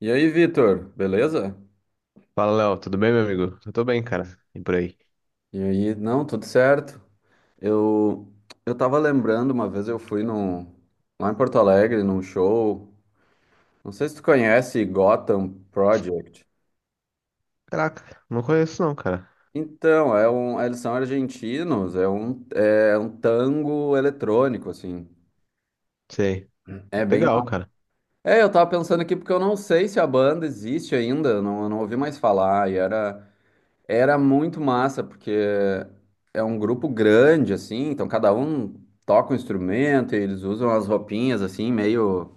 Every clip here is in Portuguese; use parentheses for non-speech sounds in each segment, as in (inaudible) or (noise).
E aí, Vitor, beleza? Fala, Léo, tudo bem, meu amigo? Eu tô bem, cara. E por aí? E aí, não, tudo certo. Eu eu tava lembrando, uma vez eu fui num, lá em Porto Alegre, num show. Não sei se tu conhece Gotham Project. Caraca, não conheço não, cara. Então, é um, eles são argentinos, é um tango eletrônico, assim. Sei. É bem. Legal, cara. É, eu tava pensando aqui porque eu não sei se a banda existe ainda, eu não ouvi mais falar. E era, era muito massa, porque é um grupo grande, assim, então cada um toca um instrumento e eles usam as roupinhas, assim, meio,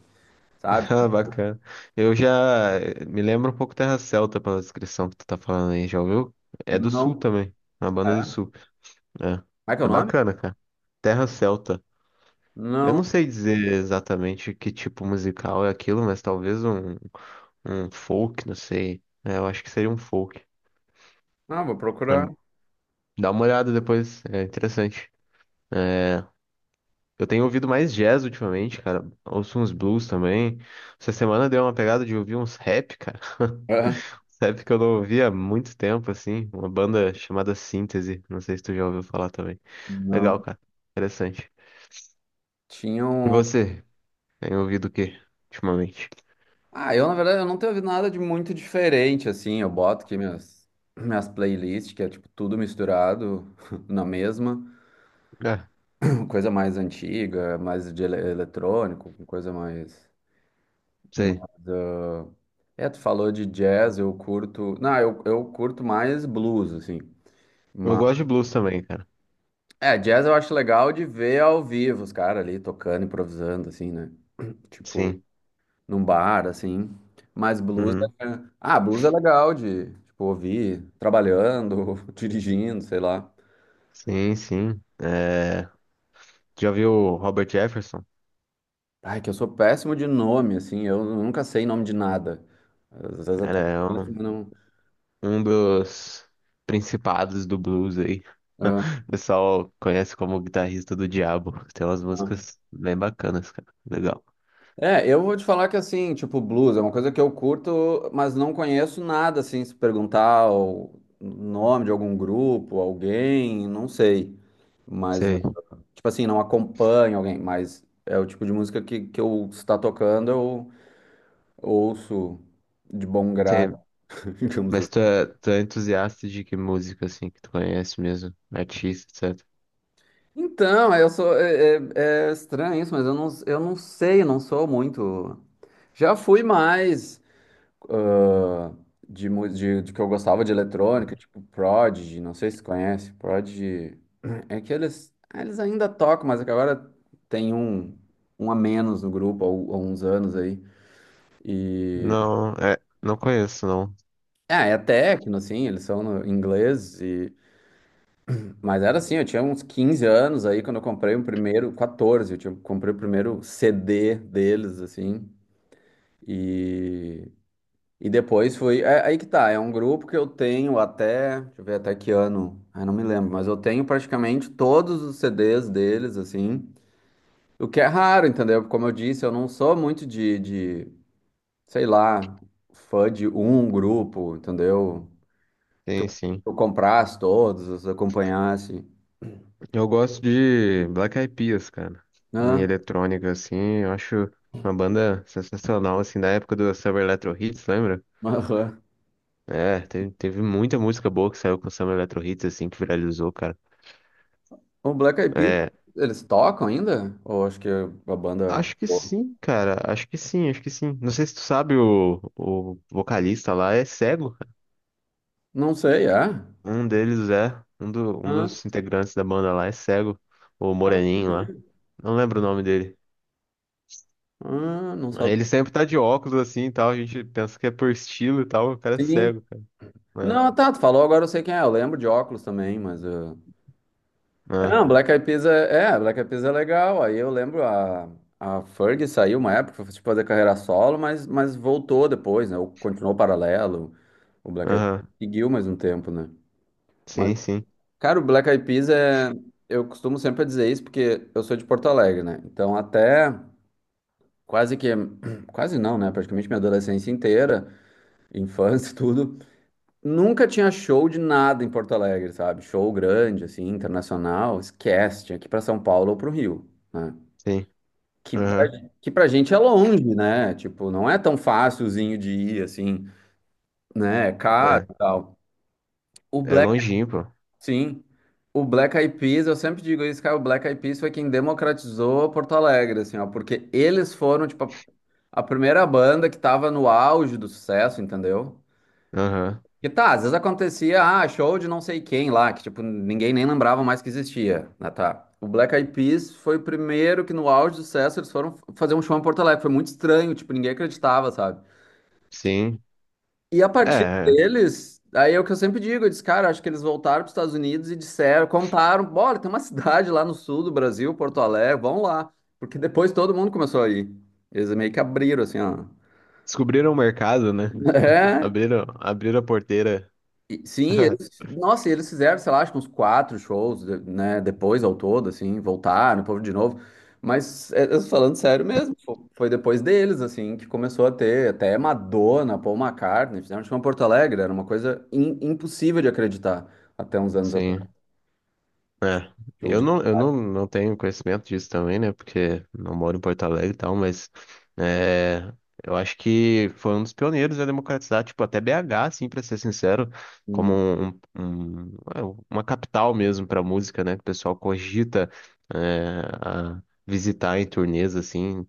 (laughs) sabe? Ah, bacana. Eu já me lembro um pouco Terra Celta pela descrição que tu tá falando aí, já ouviu? É do Não. Sul Como também, uma banda do Sul. É, é que é o é nome? bacana, cara. Terra Celta. Eu Não. não sei dizer exatamente que tipo musical é aquilo, mas talvez um folk, não sei. É, eu acho que seria um folk. Não, vou Ah, procurar. dá uma olhada depois, é interessante. É, eu tenho ouvido mais jazz ultimamente, cara. Ouço uns blues também. Essa semana deu uma pegada de ouvir uns rap, cara. (laughs) Aham. Rap que eu não ouvia há muito tempo, assim. Uma banda chamada Síntese. Não sei se tu já ouviu falar também. Não. Legal, cara. Interessante. E Tinham. você? Tem ouvido o quê ultimamente? Ah, eu, na verdade, eu não tenho ouvido nada de muito diferente, assim. Eu boto aqui minhas playlists, que é, tipo, tudo misturado (laughs) na mesma. Ah, Coisa mais antiga, mais de eletrônico, coisa mais. sei. Mas, ah, é, tu falou de jazz, eu curto. Não, eu curto mais blues, assim. Eu Mas, gosto de blues também, cara. é, jazz eu acho legal de ver ao vivo os caras ali tocando, improvisando, assim, né? Tipo, Sim. num bar, assim. Mas blues Uhum. é... Ah, blues é legal de, tipo, ouvir trabalhando, (laughs) dirigindo, sei lá. Sim, sim. É... Já viu o Robert Jefferson? Ai, que eu sou péssimo de nome, assim, eu nunca sei nome de nada. Às vezes Cara, até é conheço, mas um não. um dos principados do blues aí. (laughs) O pessoal conhece como o guitarrista do Diabo. Tem umas Ah, músicas bem bacanas, cara. Legal. é, eu vou te falar que assim, tipo, blues é uma coisa que eu curto, mas não conheço nada, assim, se perguntar o nome de algum grupo, alguém, não sei. Mas, eu, Sei, tipo assim, não acompanho alguém, mas é o tipo de música que eu está tocando, eu ouço de bom sei. grado, (laughs) digamos Mas assim. Tu é entusiasta de que música, assim, que tu conhece mesmo? Artista, etc. Então, eu sou, é, é estranho isso, mas eu não sei, eu não sou muito. Já fui mais. Ah, de, de que eu gostava de eletrônica, tipo Prodigy, não sei se tu conhece, Prodigy. (clears throat) É que eles ainda tocam, mas é que agora tem um, um a menos no grupo, há uns anos aí. Não, é, não conheço, não. É, é techno, assim, eles são no inglês, e... mas era assim, eu tinha uns 15 anos aí quando eu comprei o primeiro, 14, eu tinha, comprei o primeiro CD deles, assim, e E depois fui. É, aí que tá, é um grupo que eu tenho até. Deixa eu ver até que ano. Ah, não me lembro, mas eu tenho praticamente todos os CDs deles, assim. O que é raro, entendeu? Como eu disse, eu não sou muito de, sei lá, fã de um grupo, entendeu? Tem sim. Eu comprasse todos, eu acompanhasse. Eu gosto de Black Eyed Peas, cara. Em Né? eletrônica, assim, eu acho uma banda sensacional, assim, da época do Summer Electro Hits, lembra? Aham. É, teve muita música boa que saiu com o Samba Eletro Hits, assim, que viralizou, cara. O Black Eyed Peas, É, eles tocam ainda? Ou acho que a banda. acho que sim, cara. Acho que sim, acho que sim. Não sei se tu sabe, o vocalista lá é cego. Não sei, é? Um deles é, um Ah, dos integrantes da banda lá é cego. O ah, não Moreninho sabia. lá. Não lembro o nome dele. Ah, não Ele sabia. sempre tá de óculos, assim, e tal. A gente pensa que é por estilo e tal. O cara é Sim. cego, cara. Não, tá, tu falou, agora eu sei quem é. Eu lembro de óculos também, mas. É, É, é, não, Black Eyed Peas é, Black Eyed Peas é legal. Aí eu lembro a Fergie saiu uma época, foi tipo, fazer carreira solo, mas voltou depois, né? Ou continuou paralelo. O Black Eyed Peas aham. seguiu mais um tempo, né? Mas, Sim, sim, cara, o Black Eyed Peas é. Eu costumo sempre dizer isso porque eu sou de Porto Alegre, né? Então, até quase que. (clears throat) Quase não, né? Praticamente minha adolescência inteira, infância (laughs) e tudo. Nunca tinha show de nada em Porto Alegre, sabe? Show grande, assim, internacional, esquece, tinha que ir pra São Paulo ou pro Rio, né? sim. Que pra, Aham. que pra gente é longe, né? Tipo, não é tão fácilzinho de ir, assim, né? É caro É, e tal. O é Black, longinho, pô. sim, o Black Eyed Peas, eu sempre digo isso, cara, o Black Eyed Peas foi quem democratizou Porto Alegre, assim, ó, porque eles foram, tipo, a primeira banda que tava no auge do sucesso, entendeu? Aham. E tá, às vezes acontecia, ah, show de não sei quem lá, que tipo, ninguém nem lembrava mais que existia, né, tá? O Black Eyed Peas foi o primeiro que no auge do sucesso eles foram fazer um show em Porto Alegre, foi muito estranho, tipo, ninguém acreditava, sabe? Sim. E a partir É, deles, aí é o que eu sempre digo, eu disse, cara, acho que eles voltaram para os Estados Unidos e disseram, contaram, bora, tem uma cidade lá no sul do Brasil, Porto Alegre, vão lá, porque depois todo mundo começou a ir. Eles meio que abriram, assim, ó. descobriram o mercado, né? (laughs) Abriram, abriram a porteira. Sim, (laughs) eles, nossa, e eles fizeram, sei lá, acho que uns quatro shows, né, depois ao todo, assim, voltaram, o povo de novo. Mas, é, eu tô falando sério mesmo, foi depois deles, assim, que começou a ter até Madonna, Paul McCartney, fizeram show em Porto Alegre, era uma coisa impossível de acreditar até uns anos atrás. Sim. É. show Eu de- não, não tenho conhecimento disso também, né? Porque não moro em Porto Alegre e tal, mas é, eu acho que foi um dos pioneiros a democratizar, tipo, até BH, assim, pra ser sincero, como Hum, um, é, uma capital mesmo pra música, né? Que o pessoal cogita é, a visitar em turnês, assim.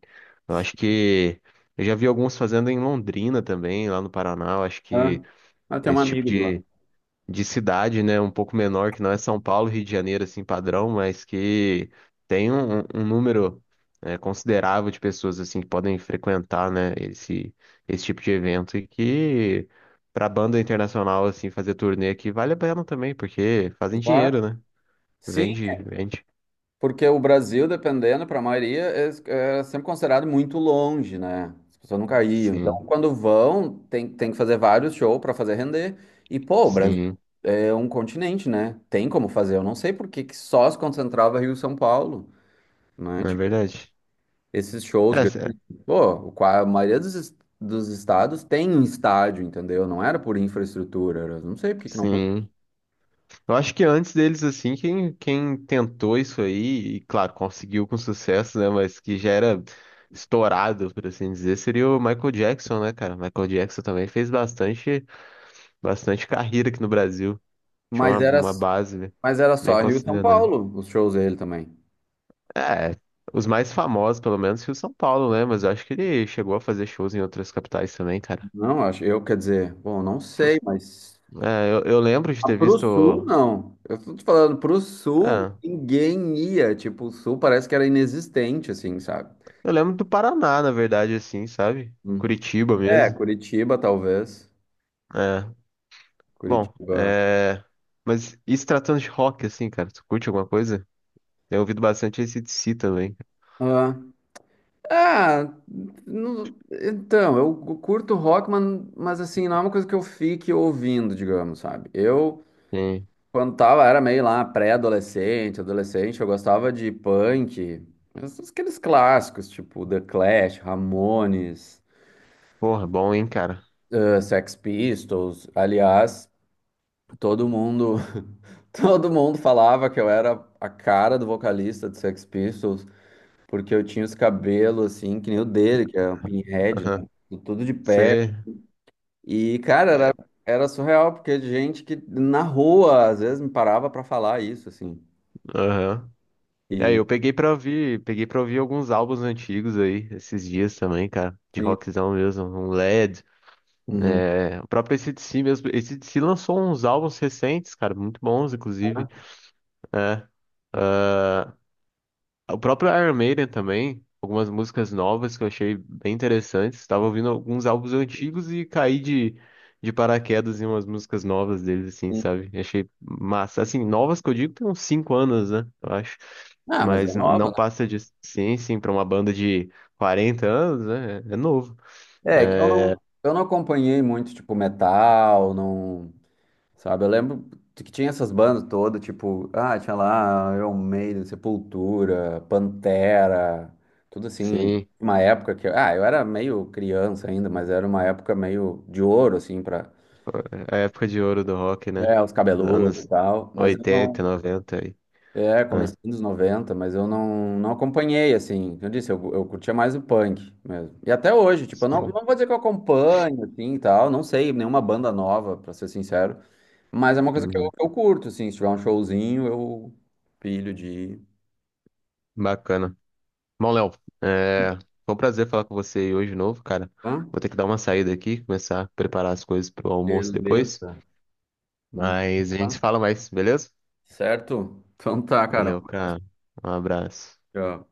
Eu sim. acho que eu já vi alguns fazendo em Londrina também, lá no Paraná. Eu acho Ah, que ah, tem um esse tipo amigo de lá. de cidade, né, um pouco menor, que não é São Paulo, Rio de Janeiro, assim, padrão, mas que tem um número considerável de pessoas, assim, que podem frequentar, né, esse tipo de evento e que para banda internacional, assim, fazer turnê aqui vale a pena também, porque fazem Lá? dinheiro, né? Sim, Vende, vende. porque o Brasil, dependendo, para a maioria, é, é sempre considerado muito longe, né? As pessoas nunca iam. Então, Sim, quando vão, tem, tem que fazer vários shows para fazer render. E, pô, o Brasil sim, é um continente, né? Tem como fazer. Eu não sei por que que só se concentrava Rio e São Paulo, né? é Tipo, verdade. esses shows É, grandes. Pô, a maioria dos, dos estados tem um estádio, entendeu? Não era por infraestrutura. Era, não sei por que que não fazia. sim. Eu acho que antes deles, assim, quem tentou isso aí, e claro, conseguiu com sucesso, né? Mas que já era estourado, por assim dizer, seria o Michael Jackson, né, cara? Michael Jackson também fez bastante, bastante carreira aqui no Brasil. Tinha uma, Mas era, uma base né, mas era bem só Rio e São considerada. Paulo, os shows dele também. É, os mais famosos, pelo menos, Rio e São Paulo, né? Mas eu acho que ele chegou a fazer shows em outras capitais também, cara. Não, acho, eu quer dizer, bom, não sei, mas É, eu lembro de ah, ter pro visto. sul, não. Eu tô te falando, pro sul, Ah, ninguém ia. Tipo, o sul parece que era inexistente, assim, sabe? eu lembro do Paraná, na verdade, assim, sabe? Hum. Curitiba É, mesmo. Curitiba, talvez. É. Bom, Curitiba. é... Mas e se tratando de rock, assim, cara? Tu curte alguma coisa? Eu ouvido bastante AC/DC também. Ah, ah, então, eu curto rock, mas assim, não é uma coisa que eu fique ouvindo, digamos, sabe? Eu Sim. quando tava, era meio lá pré-adolescente, adolescente, eu gostava de punk, aqueles clássicos, tipo The Clash, Ramones, Porra, bom, hein, cara? eh, Sex Pistols. Aliás, todo mundo, (laughs) todo mundo falava que eu era a cara do vocalista de Sex Pistols, porque eu tinha os cabelos assim, que nem o dele, que é um pinhead, né? Aham. Tudo de pé. Você... E, cara, é, era surreal, porque gente que na rua às vezes me parava pra falar isso, assim. aham. É, E, eu peguei pra ouvir alguns álbuns antigos aí, esses dias também, cara. De sim. rockzão mesmo, um Led. Uhum. É... O próprio AC/DC mesmo. AC/DC lançou uns álbuns recentes, cara, muito bons, inclusive. É. O próprio Iron Maiden também, algumas músicas novas que eu achei bem interessantes. Estava ouvindo alguns álbuns antigos e caí de paraquedas em umas músicas novas deles, assim, sabe? Achei massa. Assim, novas que eu digo tem uns 5 anos, né? Eu acho. Ah, mas é Mas nova, não passa de sim, sim, para uma banda de 40 anos, né? É novo. né? É que eu É. É, Não, eu não acompanhei muito, tipo, metal, não. Sabe, eu lembro que tinha essas bandas todas, tipo, ah, tinha lá Iron Maiden, Sepultura, Pantera, tudo assim. sim, Uma época que, ah, eu era meio criança ainda, mas era uma época meio de ouro, assim, pra, é a época de ouro do rock, né? é, os Os cabeludos e anos tal. Mas eu 80 não, 90 aí. é, Ah. comecei nos 90, mas eu não, não acompanhei, assim. Eu disse, eu curtia mais o punk mesmo. E até hoje, tipo, eu não, Sim. não vou dizer que eu acompanho, assim, e tal. Não sei nenhuma banda nova, pra ser sincero. Mas é uma coisa Uhum. que eu curto, assim. Se tiver um showzinho, eu pilho de ir. Bacana. Bom, Léo, é... foi um prazer falar com você aí hoje de novo, cara. Hã? Vou ter que dar uma saída aqui, começar a preparar as coisas pro almoço depois. Beleza. Hum, Mas a gente se tá. fala mais, beleza? Certo? Então tá, Carol. Valeu, cara. Um abraço. Tchau.